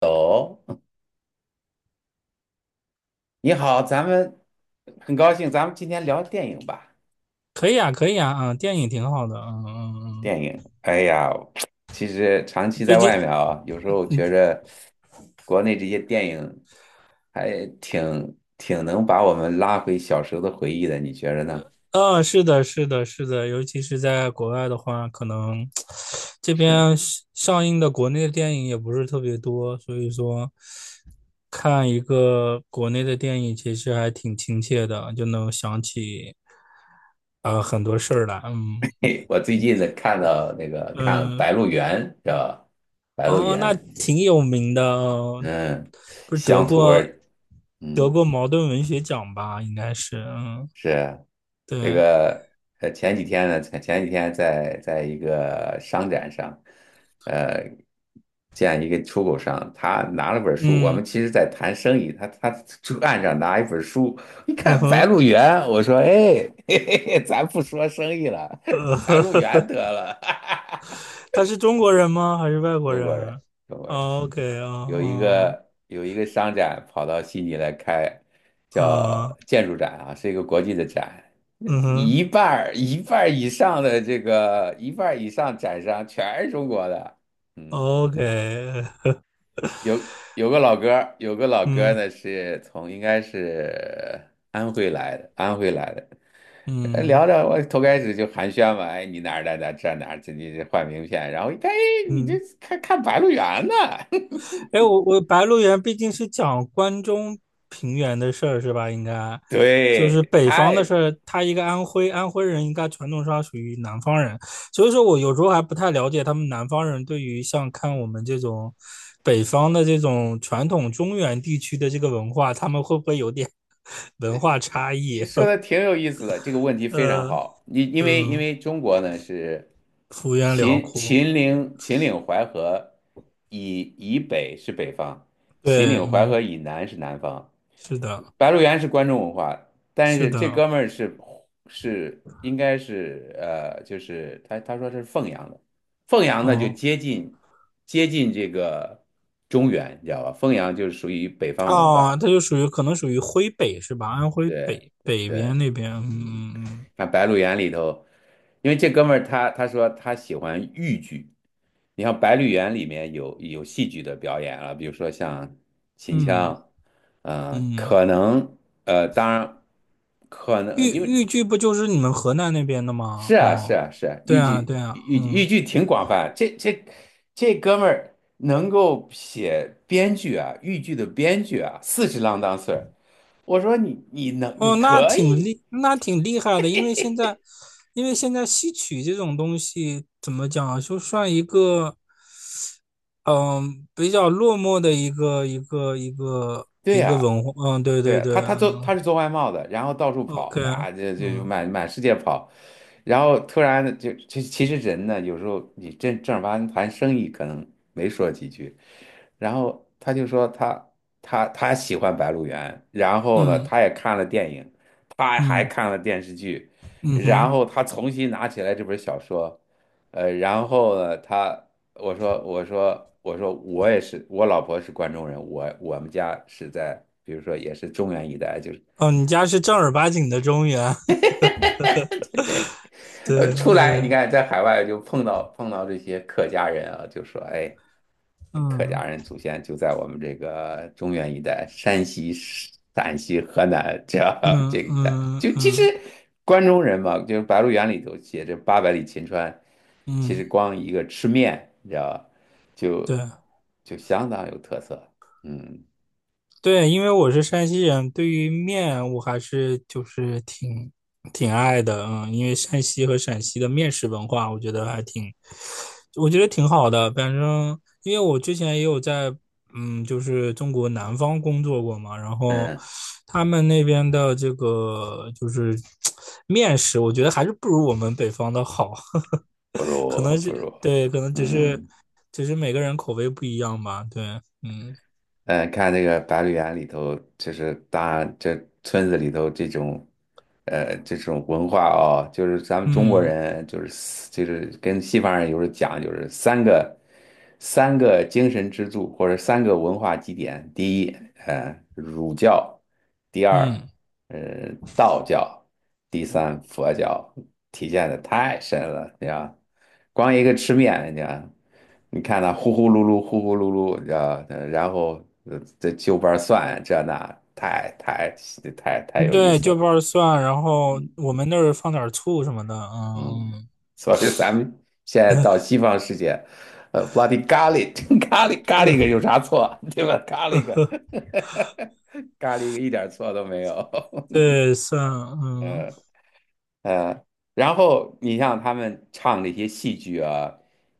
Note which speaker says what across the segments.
Speaker 1: 哦，你好，咱们今天聊电影吧。
Speaker 2: 可以啊，可以啊，嗯，电影挺好的，嗯嗯嗯，
Speaker 1: 电影，哎呀，其实长期
Speaker 2: 最
Speaker 1: 在
Speaker 2: 近，
Speaker 1: 外面啊，有时候觉着国内这些电影还挺能把我们拉回小时候的回忆的，你觉着呢？
Speaker 2: 嗯，是的，是的，是的，尤其是在国外的话，可能这
Speaker 1: 是。
Speaker 2: 边上映的国内的电影也不是特别多，所以说看一个国内的电影其实还挺亲切的，就能想起啊很多事儿来，嗯
Speaker 1: 嘿，我最近呢看到看了《
Speaker 2: 嗯，
Speaker 1: 白鹿原》，是吧？《白鹿
Speaker 2: 哦，
Speaker 1: 原》，
Speaker 2: 那挺有名的哦，
Speaker 1: 嗯，
Speaker 2: 不是得
Speaker 1: 乡土味
Speaker 2: 过
Speaker 1: 儿，
Speaker 2: 得
Speaker 1: 嗯。
Speaker 2: 过茅盾文学奖吧？应该是，嗯，
Speaker 1: 是这
Speaker 2: 对，
Speaker 1: 个前几天呢，前几天在一个商展上，呃，见一个出口商，他拿了本书，我
Speaker 2: 嗯
Speaker 1: 们其实在谈生意，他就岸上拿一本书，一
Speaker 2: 嗯
Speaker 1: 看《白
Speaker 2: 哼，
Speaker 1: 鹿原》，我说，哎，嘿嘿嘿，咱不说生意了。
Speaker 2: 呃，
Speaker 1: 《白鹿原》得了。
Speaker 2: 他是中国人吗？还是外 国
Speaker 1: 中国人，
Speaker 2: 人？
Speaker 1: 中国人。
Speaker 2: o k 啊
Speaker 1: 有一
Speaker 2: 哦
Speaker 1: 个商展跑到悉尼来开，叫
Speaker 2: 啊，
Speaker 1: 建筑展啊，是一个国际的展，
Speaker 2: 嗯哼
Speaker 1: 一半儿以上展商全是中国的，嗯，
Speaker 2: 哦，OK，
Speaker 1: 有个老哥儿
Speaker 2: 嗯
Speaker 1: 呢是从应该是安徽来的，安徽来的。呃聊
Speaker 2: 嗯
Speaker 1: 着，我头开始就寒暄嘛，哎，你哪儿的？哪这哪儿？这你这换名片，然后一看，哎，你这
Speaker 2: 嗯。
Speaker 1: 看看《白鹿原》呢？
Speaker 2: 哎，我《白鹿原》毕竟是讲关中平原的事儿是吧？应该 就是
Speaker 1: 对，
Speaker 2: 北方的
Speaker 1: 太
Speaker 2: 事儿，他一个安徽人，应该传统上属于南方人，所以说我有时候还不太了解他们南方人对于像看我们这种北方的这种传统中原地区的这个文化，他们会不会有点 文化差
Speaker 1: 你
Speaker 2: 异？
Speaker 1: 说的挺有意思的，这个 问题非常
Speaker 2: 呃，
Speaker 1: 好。你因为因
Speaker 2: 嗯，
Speaker 1: 为中国呢是
Speaker 2: 幅员辽阔，
Speaker 1: 秦岭淮河以北是北方，秦
Speaker 2: 对，
Speaker 1: 岭淮
Speaker 2: 嗯，
Speaker 1: 河以南是南方。
Speaker 2: 是的，
Speaker 1: 白鹿原是关中文化，但
Speaker 2: 是
Speaker 1: 是这
Speaker 2: 的，
Speaker 1: 哥们儿是应该是就是他说是凤阳的，凤阳呢就
Speaker 2: 哦。
Speaker 1: 接近这个中原，你知道吧？凤阳就是属于北方文
Speaker 2: 啊，
Speaker 1: 化。
Speaker 2: 它就属于可能属于徽北是吧？安徽
Speaker 1: 对
Speaker 2: 北北
Speaker 1: 对，
Speaker 2: 边那边，
Speaker 1: 嗯，
Speaker 2: 嗯
Speaker 1: 看《白鹿原》里头，因为这哥们儿他说他喜欢豫剧，你像《白鹿原》里面有戏剧的表演啊，比如说像秦
Speaker 2: 嗯
Speaker 1: 腔，嗯、
Speaker 2: 嗯，
Speaker 1: 可能当然可能
Speaker 2: 豫
Speaker 1: 因为
Speaker 2: 豫剧不就是你们河南那边的
Speaker 1: 是
Speaker 2: 吗？
Speaker 1: 啊是
Speaker 2: 哦，
Speaker 1: 啊是啊，
Speaker 2: 对
Speaker 1: 豫
Speaker 2: 啊
Speaker 1: 剧
Speaker 2: 对啊，
Speaker 1: 豫豫
Speaker 2: 嗯，
Speaker 1: 剧挺广泛，这哥们儿能够写编剧啊，豫剧的编剧啊，四十郎当岁儿，我说你
Speaker 2: 哦，
Speaker 1: 可以，
Speaker 2: 那挺厉害的，因为现在，因为现在戏曲这种东西怎么讲啊就算一个嗯比较落寞的一个一个一个
Speaker 1: 对
Speaker 2: 一个
Speaker 1: 呀、
Speaker 2: 文化，嗯，对
Speaker 1: 对
Speaker 2: 对
Speaker 1: 呀、
Speaker 2: 对，嗯
Speaker 1: 他是做外贸的，然后到处
Speaker 2: ，OK，
Speaker 1: 跑啊，就
Speaker 2: 嗯
Speaker 1: 满世界跑，然后突然就其实人呢，有时候你正儿八经谈生意可能没说几句，然后他就说他喜欢《白鹿原》，然后呢，
Speaker 2: 嗯
Speaker 1: 他也看了电影，他还
Speaker 2: 嗯
Speaker 1: 看了电视剧，
Speaker 2: 嗯
Speaker 1: 然
Speaker 2: 哼。
Speaker 1: 后他重新拿起来这本小说，然后呢，他。我说我也是，我老婆是关中人，我们家是在比如说也是中原一带，就是。
Speaker 2: 哦，你家是正儿八经的中原，
Speaker 1: 对，
Speaker 2: 对，
Speaker 1: 呃，出来你看，在海外就碰到这些客家人啊，就说，哎，客家
Speaker 2: 嗯
Speaker 1: 人祖先就在我们这个中原一带，山西、陕西、河南这 这
Speaker 2: 嗯
Speaker 1: 一带，
Speaker 2: 嗯
Speaker 1: 就其实
Speaker 2: 嗯
Speaker 1: 关中人嘛，就是《白鹿原》里头写着八百里秦川，其实
Speaker 2: 嗯，
Speaker 1: 光一个吃面，你知道吧，
Speaker 2: 对
Speaker 1: 就就相当有特色，嗯
Speaker 2: 对，因为我是山西人，对于面我还是就是挺爱的，嗯，因为山西和陕西的面食文化，我觉得挺好的。反正因为我之前也有在就是中国南方工作过嘛，然后
Speaker 1: 嗯，
Speaker 2: 他们那边的这个就是 面食，我觉得还是不如我们北方的好。
Speaker 1: 不
Speaker 2: 可
Speaker 1: 如
Speaker 2: 能
Speaker 1: 不
Speaker 2: 是
Speaker 1: 如，
Speaker 2: 对，可能只是
Speaker 1: 嗯。
Speaker 2: 只是每个人口味不一样吧。对，嗯
Speaker 1: 嗯，呃看那个《白鹿原》里头，就是大这村子里头这种，呃，这种文化哦，就是咱们中国
Speaker 2: 嗯
Speaker 1: 人就是四就是跟西方人有时候讲，就是三个精神支柱或者三个文化基点，第一，呃，儒教，第二，
Speaker 2: 嗯
Speaker 1: 呃，道教，第
Speaker 2: 嗯，
Speaker 1: 三，佛教，体现的太深了，你知道，光一个吃面，你知道你看他呼呼噜噜，呼呼噜噜，啊，然后这就瓣蒜这那，太太太太有意
Speaker 2: 对，
Speaker 1: 思
Speaker 2: 就
Speaker 1: 了，
Speaker 2: 瓣儿蒜，然后
Speaker 1: 嗯
Speaker 2: 我们那儿放点儿醋什么的。
Speaker 1: 嗯。
Speaker 2: 嗯
Speaker 1: 所以咱们现在到西方世界，呃，bloody garlic。咖
Speaker 2: 嗯。
Speaker 1: 喱个有啥错，对吧？咖喱个，咖喱个一点错都没有。
Speaker 2: 对，蒜，嗯
Speaker 1: 呃，然后你像他们唱那些戏剧啊，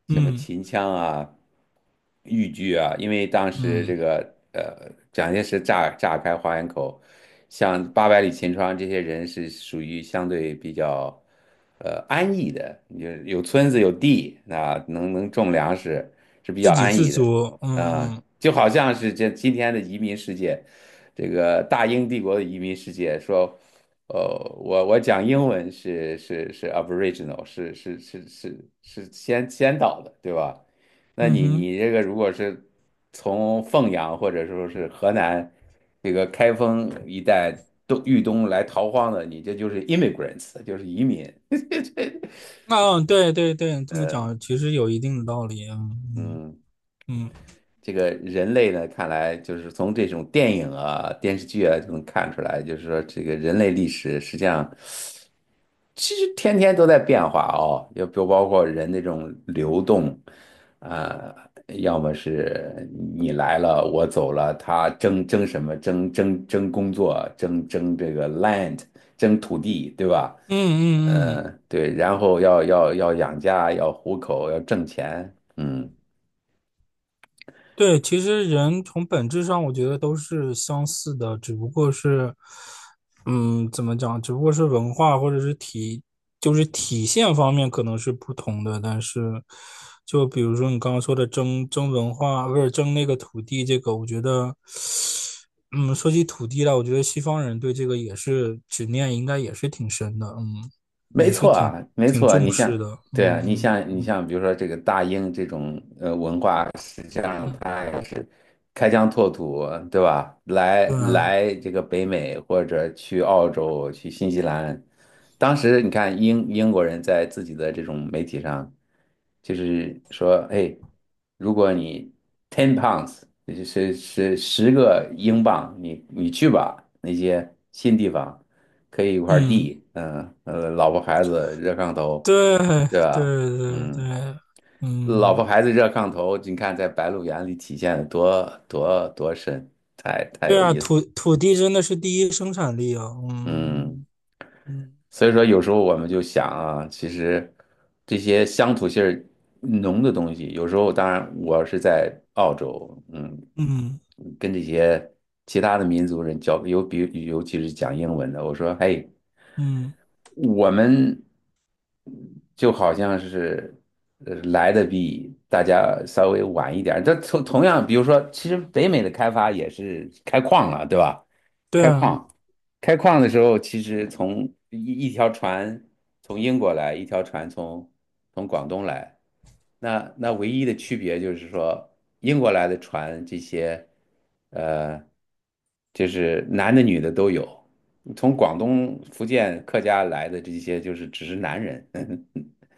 Speaker 1: 什么
Speaker 2: 嗯
Speaker 1: 秦腔啊、豫剧啊，因为当时这
Speaker 2: 嗯，
Speaker 1: 个呃，蒋介石炸开花园口，像八百里秦川这些人是属于相对比较呃安逸的，有村子有地，那能种粮食是比
Speaker 2: 自
Speaker 1: 较
Speaker 2: 给
Speaker 1: 安
Speaker 2: 自
Speaker 1: 逸的。
Speaker 2: 足，嗯
Speaker 1: 啊，
Speaker 2: 嗯
Speaker 1: 就好像是这今天的移民世界，这个大英帝国的移民世界，说，呃，我讲英文是是是 Aboriginal，是先先导的，对吧？那
Speaker 2: 嗯
Speaker 1: 你
Speaker 2: 哼，
Speaker 1: 你这个如果是从凤阳或者说是河南这个开封一带东豫东来逃荒的，你这就是 immigrants，就是移民，
Speaker 2: 嗯，对对对，这么
Speaker 1: 呃
Speaker 2: 讲其实有一定的道理，嗯
Speaker 1: 嗯。
Speaker 2: 嗯
Speaker 1: 这个人类呢，看来就是从这种电影啊、电视剧啊就能看出来，就是说这个人类历史实际上其实天天都在变化哦，要不包括人那种流动，啊、要么是你来了我走了，他争争什么？争争工作，争争这个 land，争土地，对吧？
Speaker 2: 嗯嗯嗯
Speaker 1: 嗯，对，然后要养家，要糊口，要挣钱，嗯。
Speaker 2: 对，其实人从本质上，我觉得都是相似的，只不过是，嗯，怎么讲？只不过是文化或者是体，就是体现方面可能是不同的。但是，就比如说你刚刚说的争文化，不是争那个土地，这个我觉得，嗯，说起土地来，我觉得西方人对这个也是执念，应该也是挺深的，嗯，
Speaker 1: 没
Speaker 2: 也是
Speaker 1: 错
Speaker 2: 挺
Speaker 1: 啊，没
Speaker 2: 挺
Speaker 1: 错啊
Speaker 2: 重
Speaker 1: 你像，
Speaker 2: 视的，
Speaker 1: 对啊，
Speaker 2: 嗯
Speaker 1: 你像，比如说这个大英这种呃文化，实际
Speaker 2: 嗯
Speaker 1: 上
Speaker 2: 嗯，
Speaker 1: 它也是开疆拓土，对吧？
Speaker 2: 对啊，
Speaker 1: 来这个北美或者去澳洲、去新西兰，当时你看英国人在自己的这种媒体上，就是说，哎，如果你 ten pounds，就10英镑，你你去吧那些新地方。可以一块
Speaker 2: 嗯。
Speaker 1: 地，嗯，呃，老婆孩子热炕头，
Speaker 2: 对
Speaker 1: 对吧？
Speaker 2: 对对
Speaker 1: 嗯，
Speaker 2: 对，
Speaker 1: 老婆
Speaker 2: 嗯，
Speaker 1: 孩子热炕头，你看在《白鹿原》里体现的多深，太太
Speaker 2: 对
Speaker 1: 有
Speaker 2: 啊，
Speaker 1: 意思。
Speaker 2: 土地真的是第一生产力啊，
Speaker 1: 嗯，
Speaker 2: 嗯嗯
Speaker 1: 所以说有时候我们就想啊，其实这些乡土性儿浓的东西，有时候当然我是在澳洲，嗯，
Speaker 2: 嗯
Speaker 1: 跟这些其他的民族人交，尤其是讲英文的，我说，嘿。
Speaker 2: 嗯，
Speaker 1: 我们就好像是呃来的比大家稍微晚一点儿。这同样，比如说，其实北美的开发也是开矿了，对吧？
Speaker 2: 对
Speaker 1: 开
Speaker 2: 啊，
Speaker 1: 矿，开矿的时候，其实从一一条船从英国来，一条船从广东来。那那唯一的区别就是说，英国来的船这些，呃，就是男的女的都有。从广东、福建客家来的这些，就是只是男人。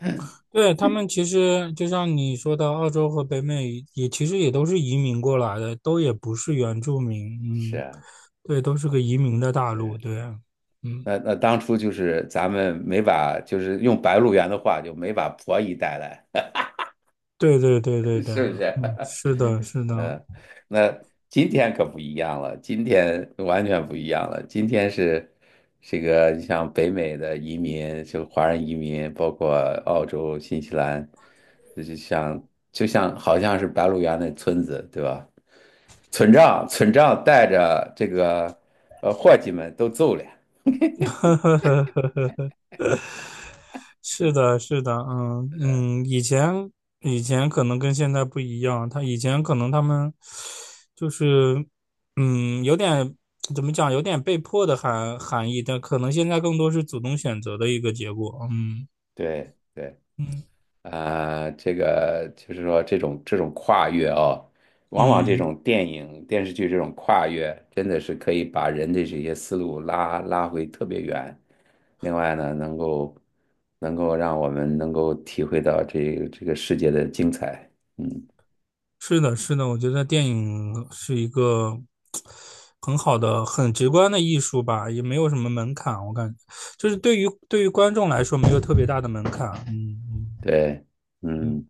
Speaker 2: 对他们其实就像你说的，澳洲和北美也其实也都是移民过来的，都也不是原住民，
Speaker 1: 是
Speaker 2: 嗯，
Speaker 1: 啊，
Speaker 2: 对，都是个移民的大陆，
Speaker 1: 对。
Speaker 2: 对啊，嗯，
Speaker 1: 那那当初就是咱们没把，就是用白鹿原的话，就没把婆姨带来，
Speaker 2: 对对对对 对
Speaker 1: 是不
Speaker 2: 啊
Speaker 1: 是？
Speaker 2: 嗯，是的，是的，
Speaker 1: 嗯，那今天可不一样了，今天完全不一样了。今天是这个，你像北美的移民，就华人移民，包括澳洲、新西兰，这就像就像好像是白鹿原那村子，对吧？村长带着这个呃伙计们都走了，
Speaker 2: 是的，是的，嗯嗯，以前可能跟现在不一样，他以前可能他们就是有点怎么讲，有点被迫的含义，但可能现在更多是主动选择的一个结果。嗯
Speaker 1: 对。对
Speaker 2: 嗯
Speaker 1: 呃，这个就是说这种这种跨越哦，往往这
Speaker 2: 嗯，
Speaker 1: 种电影电视剧这种跨越，真的是可以把人的这些思路拉拉回特别远。另外呢，能够让我们能够体会到这个世界的精彩。嗯，
Speaker 2: 是的，是的，我觉得电影是一个很好的、很直观的艺术吧，也没有什么门槛，我感觉就是对于观众来说没有特别大的门槛。嗯嗯
Speaker 1: 对，
Speaker 2: 嗯
Speaker 1: 嗯。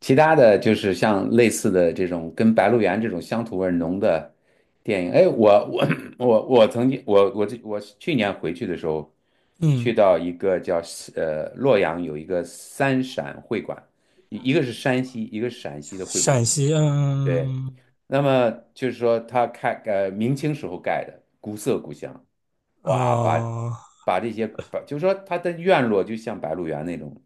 Speaker 1: 其他的就是像类似的这种跟《白鹿原》这种乡土味儿浓的电影，哎，我我曾经我我这我去年回去的时候，去
Speaker 2: 嗯。
Speaker 1: 到一个叫呃洛阳有一个三陕会馆，一个是山西，一个是陕西的会
Speaker 2: 陕
Speaker 1: 馆，
Speaker 2: 西，
Speaker 1: 对，
Speaker 2: 嗯，
Speaker 1: 那么就是说它开呃明清时候盖的，古色古香，哇，
Speaker 2: 哦，
Speaker 1: 把这些把就是说它的院落就像《白鹿原》那种。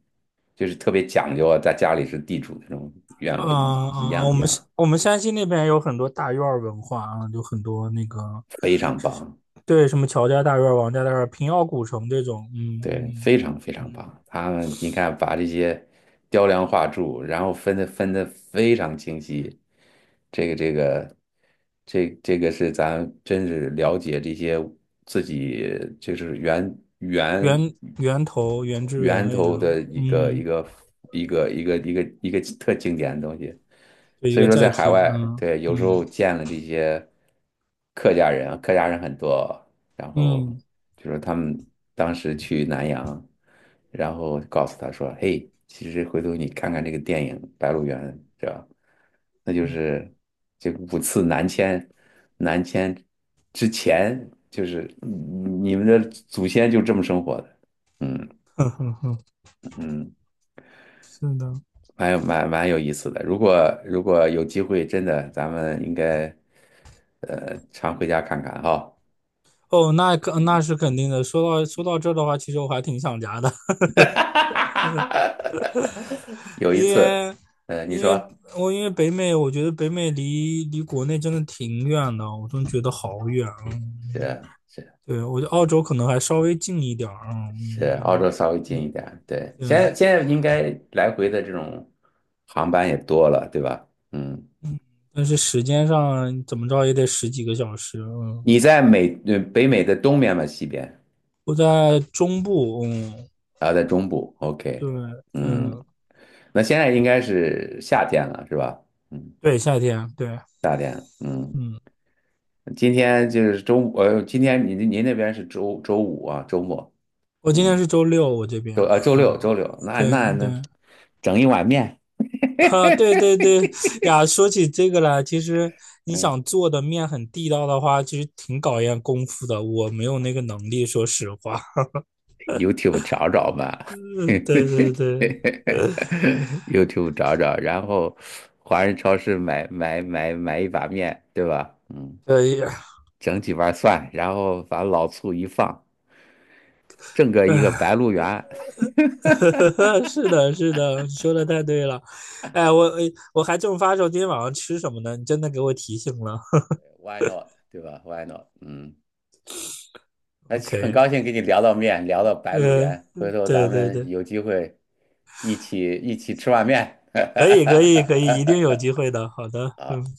Speaker 1: 就是特别讲究啊，在家里是地主那种院
Speaker 2: 啊
Speaker 1: 落
Speaker 2: 啊啊，我
Speaker 1: 一
Speaker 2: 们
Speaker 1: 样，
Speaker 2: 我们山西那边有很多大院儿文化啊，有很多那个，
Speaker 1: 非常棒。
Speaker 2: 对，什么乔家大院儿、王家大院儿、平遥古城这种，嗯
Speaker 1: 对，
Speaker 2: 嗯
Speaker 1: 非常非常
Speaker 2: 嗯，
Speaker 1: 棒。他们你看，把这些雕梁画柱，然后分的非常清晰。这个这个这个是咱真是了解这些自己就是源
Speaker 2: 源头原汁原
Speaker 1: 源
Speaker 2: 味这
Speaker 1: 头
Speaker 2: 种，
Speaker 1: 的
Speaker 2: 嗯，
Speaker 1: 一个特经典的东西。
Speaker 2: 就一
Speaker 1: 所以
Speaker 2: 个
Speaker 1: 说，
Speaker 2: 载
Speaker 1: 在海
Speaker 2: 体，
Speaker 1: 外，
Speaker 2: 嗯
Speaker 1: 对，有时候
Speaker 2: 嗯
Speaker 1: 见了这些客家人啊，客家人很多，然后
Speaker 2: 嗯
Speaker 1: 就说他们当时去南阳，然后告诉他说："嘿，其实回头你看看这个电影《白鹿原》，是吧？那就
Speaker 2: 嗯，
Speaker 1: 是这5次南迁，南迁之前就是嗯你们的祖先就这么生活的。"嗯
Speaker 2: 哼哼哼，
Speaker 1: 嗯，
Speaker 2: 是的，
Speaker 1: 蛮有意思的。如果有机会，真的咱们应该呃常回家看看哈。
Speaker 2: 哦，那是肯定的。说到这儿的话，其实我还挺想家的。
Speaker 1: 哈，有一
Speaker 2: 因
Speaker 1: 次，
Speaker 2: 为
Speaker 1: 呃，你
Speaker 2: 因为
Speaker 1: 说
Speaker 2: 我因为北美，我觉得北美离国内真的挺远的，我真觉得好远啊。
Speaker 1: 是是
Speaker 2: 对，我觉得澳洲可能还稍微近一点儿啊
Speaker 1: 是，
Speaker 2: 嗯
Speaker 1: 澳
Speaker 2: 嗯，
Speaker 1: 洲稍微近一点，对，
Speaker 2: 对，
Speaker 1: 现在应该来回的这种航班也多了，对吧？嗯，
Speaker 2: 但是时间上怎么着也得十几个小时，嗯，
Speaker 1: 你在美，呃，北美的东边吗？西边？
Speaker 2: 我在中部，嗯，
Speaker 1: 啊，在中部
Speaker 2: 对，
Speaker 1: ，OK，嗯，
Speaker 2: 嗯，
Speaker 1: 那现在应该是夏天了，是吧？嗯
Speaker 2: 对，夏天，对，
Speaker 1: 嗯，
Speaker 2: 嗯，
Speaker 1: 今天就是周五，呃，今天您那边是周五啊，周末，
Speaker 2: 我今天
Speaker 1: 嗯
Speaker 2: 是周六，我这边啊，啊
Speaker 1: 周六，那
Speaker 2: 对
Speaker 1: 那那
Speaker 2: 对。
Speaker 1: 整一碗面，
Speaker 2: 哈，对对对呀，说起这个来，其实你
Speaker 1: 嗯
Speaker 2: 想做的面很地道的话，其实挺考验功夫的。我没有那个能力，说实话。
Speaker 1: ，YouTube 找找吧。
Speaker 2: 嗯，对对对，
Speaker 1: ，YouTube 找找，然后华人超市买一把面，对吧？嗯，
Speaker 2: 可以。
Speaker 1: 整几瓣蒜，然后把老醋一放，整个一个白鹿原。
Speaker 2: 是的，是的，你说的太对了。哎，我还正发愁今天晚上吃什么呢，你真的给我提醒了。
Speaker 1: ，Why not？对吧？Why not？嗯。那很
Speaker 2: OK，
Speaker 1: 高兴跟你聊到面，聊到白鹿
Speaker 2: 呃，
Speaker 1: 原，回头
Speaker 2: 对
Speaker 1: 咱
Speaker 2: 对
Speaker 1: 们
Speaker 2: 对，
Speaker 1: 有机会一起吃碗面。
Speaker 2: 可以可以可以，一定有机 会的。好的，
Speaker 1: 好。
Speaker 2: 嗯。